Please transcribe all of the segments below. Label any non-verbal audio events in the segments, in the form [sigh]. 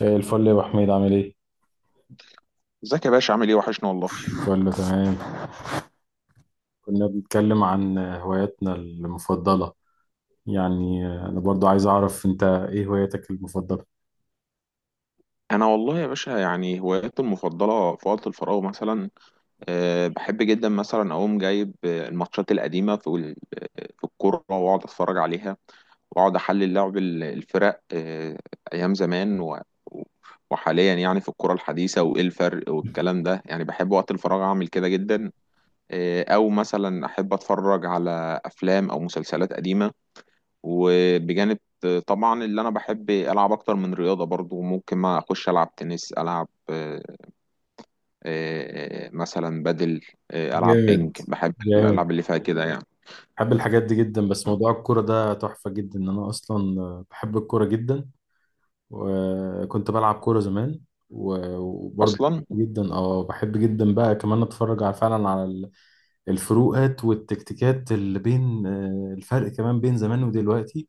زي الفل يا ابو حميد، عامل ايه؟ ازيك يا باشا؟ عامل ايه؟ وحشنا والله. كله تمام. كنا بنتكلم عن هواياتنا المفضله، يعني انا برضو عايز اعرف انت ايه هواياتك المفضله. انا والله يا باشا، يعني هواياتي المفضله في وقت الفراغ، مثلا بحب جدا مثلا اقوم جايب الماتشات القديمه في ال- آه، في الكوره، واقعد اتفرج عليها، واقعد احلل لعب الفرق. ايام زمان وحاليا، يعني في الكوره الحديثه وايه الفرق والكلام ده، يعني بحب وقت الفراغ اعمل كده جدا. او مثلا احب اتفرج على افلام او مسلسلات قديمه. وبجانب، طبعا اللي انا بحب العب اكتر من رياضه، برضو ممكن ما اخش العب تنس، العب مثلا بدل، العب بينج. جامد، بحب جامد. الالعاب اللي فيها كده يعني. بحب الحاجات دي جدا، بس موضوع الكوره ده تحفه جدا. انا اصلا بحب الكوره جدا وكنت بلعب كوره زمان. و- وبرضو اصلا. بحب جدا، اه بحب جدا بقى كمان اتفرج على فعلا على الفروقات والتكتيكات اللي بين الفرق، كمان بين زمان ودلوقتي.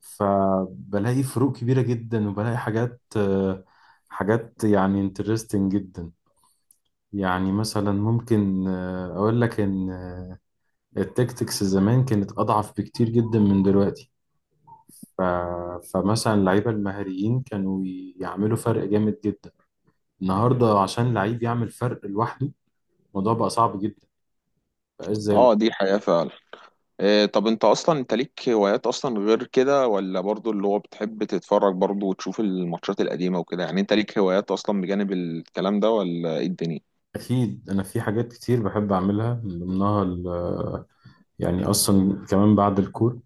فبلاقي فروق كبيرة جدا، وبلاقي حاجات حاجات يعني انترستنج جدا. يعني مثلا ممكن أقول لك إن التكتكس زمان كانت أضعف بكتير جدا من دلوقتي. ف... فمثلا اللعيبة المهاريين كانوا يعملوا فرق جامد جدا. النهاردة عشان لعيب يعمل فرق لوحده، الموضوع بقى صعب جدا، بقاش زي. اه، دي حياه فعلا. طب انت اصلا، انت ليك هوايات اصلا غير كده؟ ولا برضو اللي هو بتحب تتفرج برضو وتشوف الماتشات القديمه وكده، يعني انت ليك هوايات اصلا بجانب الكلام ده ولا ايه الدنيا؟ أكيد أنا في حاجات كتير بحب أعملها، من ضمنها يعني أصلا كمان بعد الكور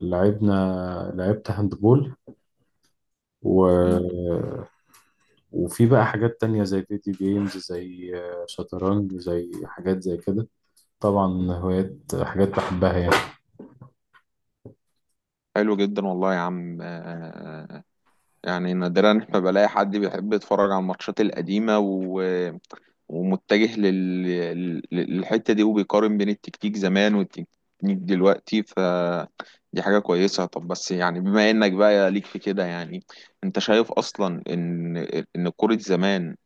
لعبنا، لعبت هاندبول مم. و... وفي بقى حاجات تانية زي فيديو جيمز، زي شطرنج، زي حاجات زي كده. طبعا هوايات، حاجات بحبها يعني. حلو جدا والله يا عم. يعني نادرا ما بلاقي حد بيحب يتفرج على الماتشات القديمة، و... ومتجه للحتة دي، وبيقارن بين التكتيك زمان والتكتيك دلوقتي. دي حاجة كويسة. طب بس يعني بما انك بقى ليك في كده، يعني انت شايف اصلا ان كرة زمان،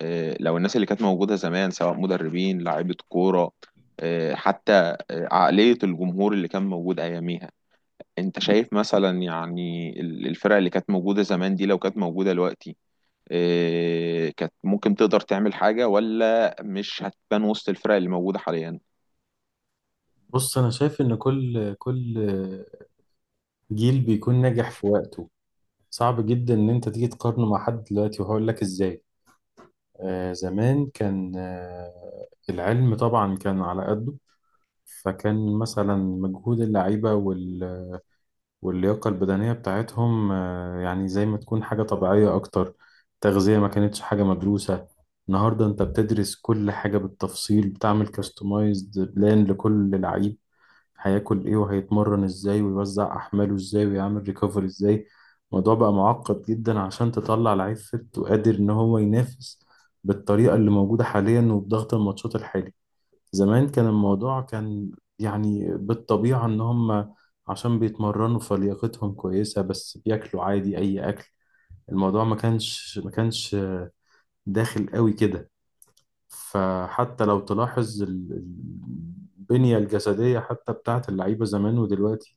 لو الناس اللي كانت موجودة زمان، سواء مدربين، لاعيبة كورة، حتى عقلية الجمهور اللي كان موجود اياميها، انت شايف مثلا، يعني الفرق اللي كانت موجودة زمان دي، لو كانت موجودة دلوقتي، إيه كانت ممكن تقدر تعمل حاجة ولا مش هتبان وسط الفرق اللي موجودة حاليا؟ بص، أنا شايف إن كل جيل بيكون ناجح في وقته. صعب جدا إن أنت تيجي تقارنه مع حد دلوقتي، وهقول لك إزاي. آه زمان كان آه العلم طبعا كان على قده، فكان مثلا مجهود اللعيبة وال واللياقة البدنية بتاعتهم يعني زي ما تكون حاجة طبيعية أكتر. تغذية ما كانتش حاجة مدروسة، النهاردة أنت بتدرس كل حاجة بالتفصيل، بتعمل كاستمايزد بلان لكل لعيب، هياكل إيه وهيتمرن إزاي ويوزع أحماله إزاي ويعمل ريكفري إزاي. الموضوع بقى معقد جدا عشان تطلع لعيب فت وقادر إن هو ينافس بالطريقة اللي موجودة حاليا وبضغط الماتشات الحالي. زمان كان الموضوع كان يعني بالطبيعة، إن هم عشان بيتمرنوا فلياقتهم كويسة، بس بياكلوا عادي أي أكل، الموضوع ما كانش داخل قوي كده. فحتى لو تلاحظ البنية الجسدية حتى بتاعت اللعيبة زمان ودلوقتي،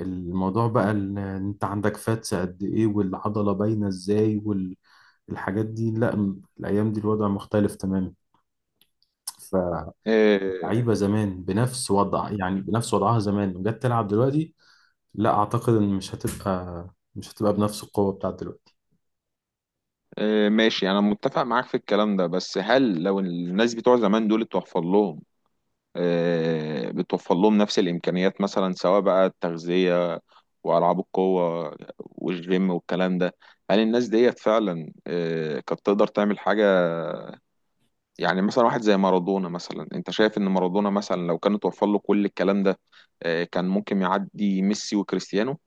الموضوع بقى إن أنت عندك فاتس قد إيه والعضلة باينة إزاي، والحاجات دي لأ. الأيام دي الوضع مختلف تماما. ف إيه، لعيبه زمان بنفس وضع، يعني بنفس وضعها زمان وجت تلعب دلوقتي، لا اعتقد ان مش هتبقى بنفس القوه بتاعت دلوقتي. إيه، ماشي، انا متفق معاك في الكلام ده. بس هل لو الناس بتوع زمان دول اتوفر لهم إيه بتوفر لهم نفس الامكانيات، مثلا سواء بقى التغذية والعاب القوة والجيم والكلام ده، هل الناس ديت فعلا إيه كانت تقدر تعمل حاجة؟ يعني مثلا واحد زي مارادونا، مثلا انت شايف ان مارادونا مثلا لو كان اتوفر له كل الكلام ده، كان ممكن يعدي ميسي وكريستيانو؟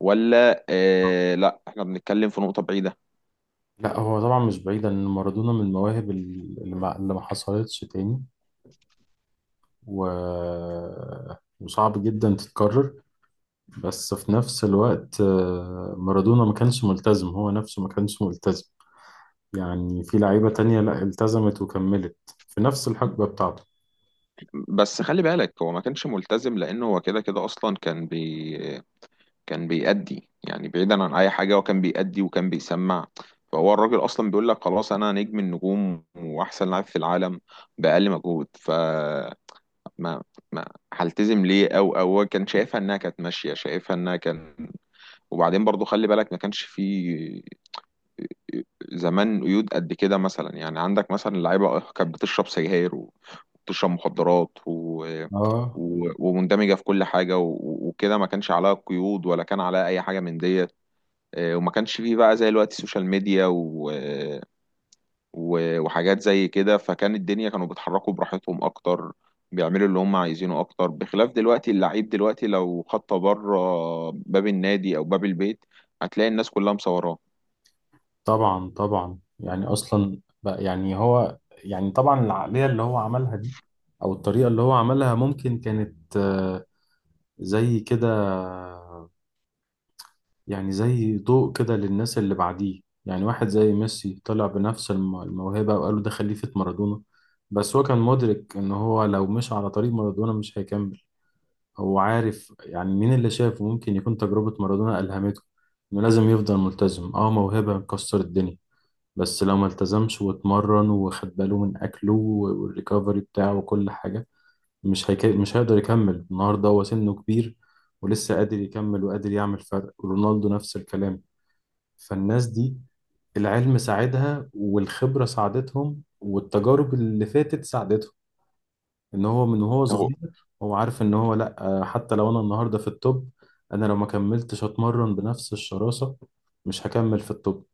ولا لا، احنا بنتكلم في نقطة بعيدة؟ لا هو طبعا مش بعيد ان مارادونا من المواهب اللي ما حصلتش تاني و... وصعب جدا تتكرر. بس في نفس الوقت مارادونا ما كانش ملتزم، هو نفسه ما كانش ملتزم. يعني في لعيبه تانية لا التزمت وكملت في نفس الحقبه بتاعته. بس خلي بالك، هو ما كانش ملتزم لانه هو كده كده اصلا كان بيأدي. يعني بعيدا عن اي حاجة، هو كان بيأدي وكان بيسمع. فهو الراجل اصلا بيقول لك خلاص انا نجم النجوم واحسن لاعب في العالم بأقل مجهود. ما ما هلتزم ليه؟ او هو كان شايفها انها كانت ماشيه، شايفها انها كان وبعدين برضو خلي بالك، ما كانش في زمان قيود قد كده. مثلا يعني عندك مثلا، اللعيبه كانت بتشرب سجاير وبتشرب مخدرات و... اه. و... ومندمجه في كل حاجه و... وكده، ما كانش عليها قيود ولا كان عليها اي حاجه من ديت. وما كانش فيه بقى زي الوقت السوشيال ميديا و... و- وحاجات زي كده، فكان الدنيا كانوا بيتحركوا براحتهم اكتر، بيعملوا اللي هم عايزينه اكتر. بخلاف دلوقتي، اللعيب دلوقتي لو خطه بره باب النادي او باب البيت، هتلاقي الناس كلها مصوراه. طبعا يعني اصلا بقى يعني هو، يعني طبعا العقليه اللي هو عملها دي او الطريقه اللي هو عملها ممكن كانت زي كده، يعني زي ضوء كده للناس اللي بعديه. يعني واحد زي ميسي طلع بنفس الموهبه، وقالوا ده خليفه مارادونا، بس هو كان مدرك ان هو لو مش على طريق مارادونا مش هيكمل. هو عارف يعني مين اللي شافه ممكن يكون تجربه مارادونا الهمته انه لازم يفضل ملتزم. اه موهبه مكسر الدنيا، بس لو ما التزمش واتمرن وخد باله من اكله والريكفري بتاعه وكل حاجه، مش هيقدر يكمل. النهارده هو سنه كبير ولسه قادر يكمل وقادر يعمل فرق، رونالدو نفس الكلام. فالناس دي العلم ساعدها والخبره ساعدتهم والتجارب اللي فاتت ساعدتهم، ان هو من وهو هو صغير هو عارف ان هو لا. حتى لو انا النهارده في التوب، انا لو ما كملتش اتمرن بنفس الشراسه مش هكمل في التوب.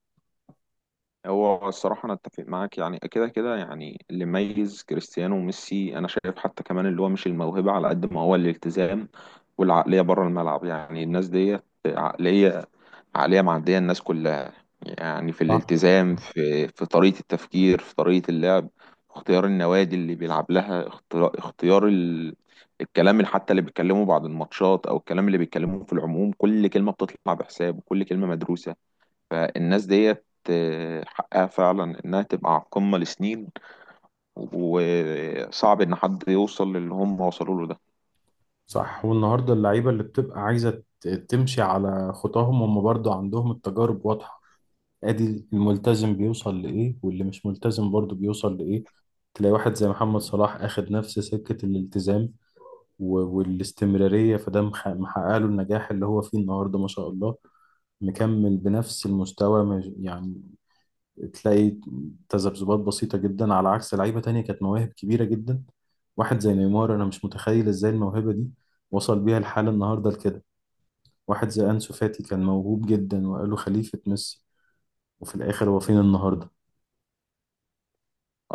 هو الصراحة أنا أتفق معاك، يعني كده كده، يعني اللي ميز كريستيانو وميسي أنا شايف حتى كمان اللي هو مش الموهبة على قد ما هو الالتزام والعقلية بره الملعب. يعني الناس ديت عقلية معدية الناس كلها، يعني في صح الالتزام، في طريقة التفكير، في طريقة اللعب، في اختيار النوادي اللي بيلعب لها، الكلام اللي حتى اللي بيتكلموا بعد الماتشات، او الكلام اللي بيتكلموه في العموم، كل كلمة بتطلع بحساب، وكل كلمة مدروسة. فالناس ديت حقها فعلا انها تبقى على القمة لسنين، وصعب ان حد يوصل للي هم وصلوا له ده. صح والنهارده اللعيبه اللي بتبقى عايزه تمشي على خطاهم، هم برضو عندهم التجارب واضحه، ادي الملتزم بيوصل لايه واللي مش ملتزم برضو بيوصل لايه. تلاقي واحد زي محمد صلاح اخد نفس سكه الالتزام والاستمراريه، فده محقق له النجاح اللي هو فيه النهارده، ما شاء الله، مكمل بنفس المستوى. يعني تلاقي تذبذبات بسيطة جدا، على عكس لعيبة تانية كانت مواهب كبيرة جدا. واحد زي نيمار أنا مش متخيل إزاي الموهبة دي وصل بيها الحال النهاردة لكده. واحد زي أنسو فاتي كان موهوب جدا وقالوا خليفة ميسي، وفي الآخر هو فين النهاردة؟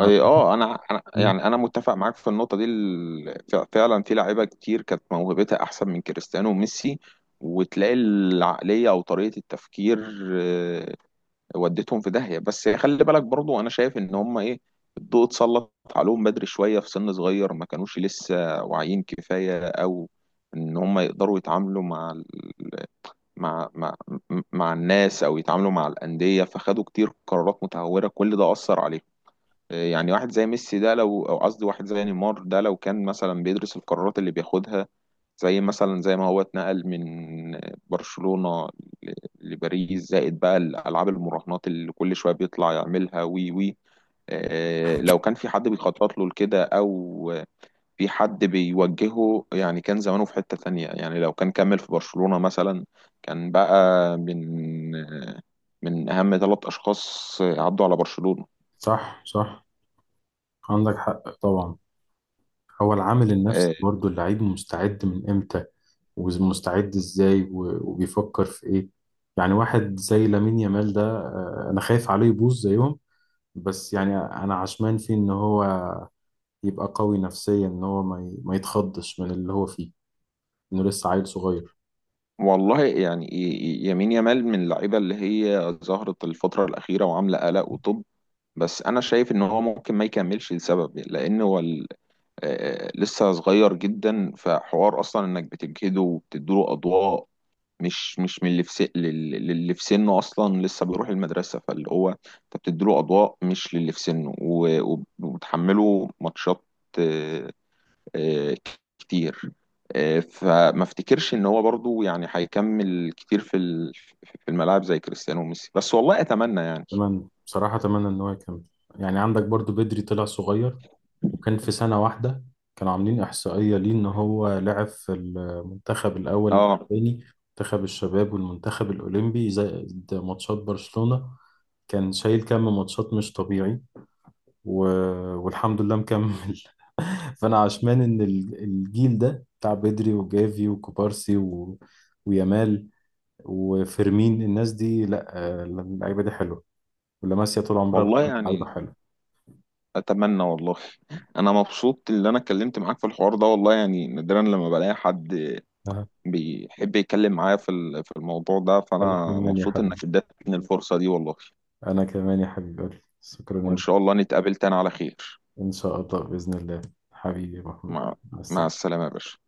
انا مم. يعني، انا متفق معاك في النقطه دي. فعلا في لعيبه كتير كانت موهبتها احسن من كريستيانو وميسي، وتلاقي العقليه او طريقه التفكير آه، ودتهم في داهيه. بس خلي بالك برضو، انا شايف ان هم ايه، الضوء اتسلط عليهم بدري شويه، في سن صغير ما كانوش لسه واعيين كفايه، او ان هم يقدروا يتعاملوا مع مع مع الناس، او يتعاملوا مع الانديه، فخدوا كتير قرارات متهوره، كل ده اثر عليهم. يعني واحد زي نيمار ده، لو كان مثلا بيدرس القرارات اللي بياخدها، زي مثلا زي ما هو اتنقل من برشلونة ل- لباريس، زائد بقى الالعاب المراهنات اللي كل شوية بيطلع يعملها، وي وي لو كان في حد بيخطط له لكده، او في حد بيوجهه، يعني كان زمانه في حتة تانية. يعني لو كان كمل في برشلونة مثلا، كان بقى من اهم 3 اشخاص عدوا على برشلونة. صح، عندك حق طبعا. هو العامل النفسي آه، برضه، اللعيب مستعد من إمتى ومستعد إزاي وبيفكر في إيه. يعني واحد زي لامين يامال ده أنا خايف عليه يبوظ زيهم، بس يعني انا عشمان فيه ان هو يبقى قوي نفسيا، ان هو ما يتخضش من اللي هو فيه، انه لسه عيل صغير. والله يعني، يمين يامال من اللعيبه اللي هي ظهرت الفتره الاخيره وعامله قلق وطب. بس انا شايف ان هو ممكن ما يكملش لسبب، لان هو لسه صغير جدا. فحوار اصلا انك بتجهده وبتديله اضواء مش من اللي في سن، للي في سنه اصلا لسه بيروح المدرسه. فاللي هو انت بتديله اضواء مش للي في سنه، و- وب- وبتحمله ماتشات آه، كتير. فما افتكرش ان هو برضو يعني هيكمل كتير في الملاعب زي كريستيانو وميسي، بس والله اتمنى يعني. اتمنى بصراحة، اتمنى ان هو يكمل. يعني عندك برضو بدري طلع صغير، وكان في سنة واحدة كانوا عاملين إحصائية ليه إن هو لعب في المنتخب الأول، اه الثاني، منتخب الشباب والمنتخب الأولمبي زائد ماتشات برشلونة، كان شايل كم ماتشات مش طبيعي. و... والحمد لله مكمل. [laughs] فانا عشمان ان الجيل ده بتاع بدري وجافي وكوبارسي ويامال وفيرمين، الناس دي لا، اللعيبه دي حلوه. ولاماسيا طول عمرها والله بتكون لعيبه يعني، حلوه. اتمنى والله. انا مبسوط ان انا اتكلمت معاك في الحوار ده والله، يعني نادرا لما بلاقي حد أها. بيحب يتكلم معايا في الموضوع ده، انا فانا كمان يا مبسوط حبيبي، انك ادتني الفرصة دي والله. انا كمان يا حبيبي، شكرا يا وان ابني. شاء الله نتقابل تاني على خير. ان شاء الله باذن الله. حبيبي يا محمود، مع مع مع السلامه. السلامة يا باشا.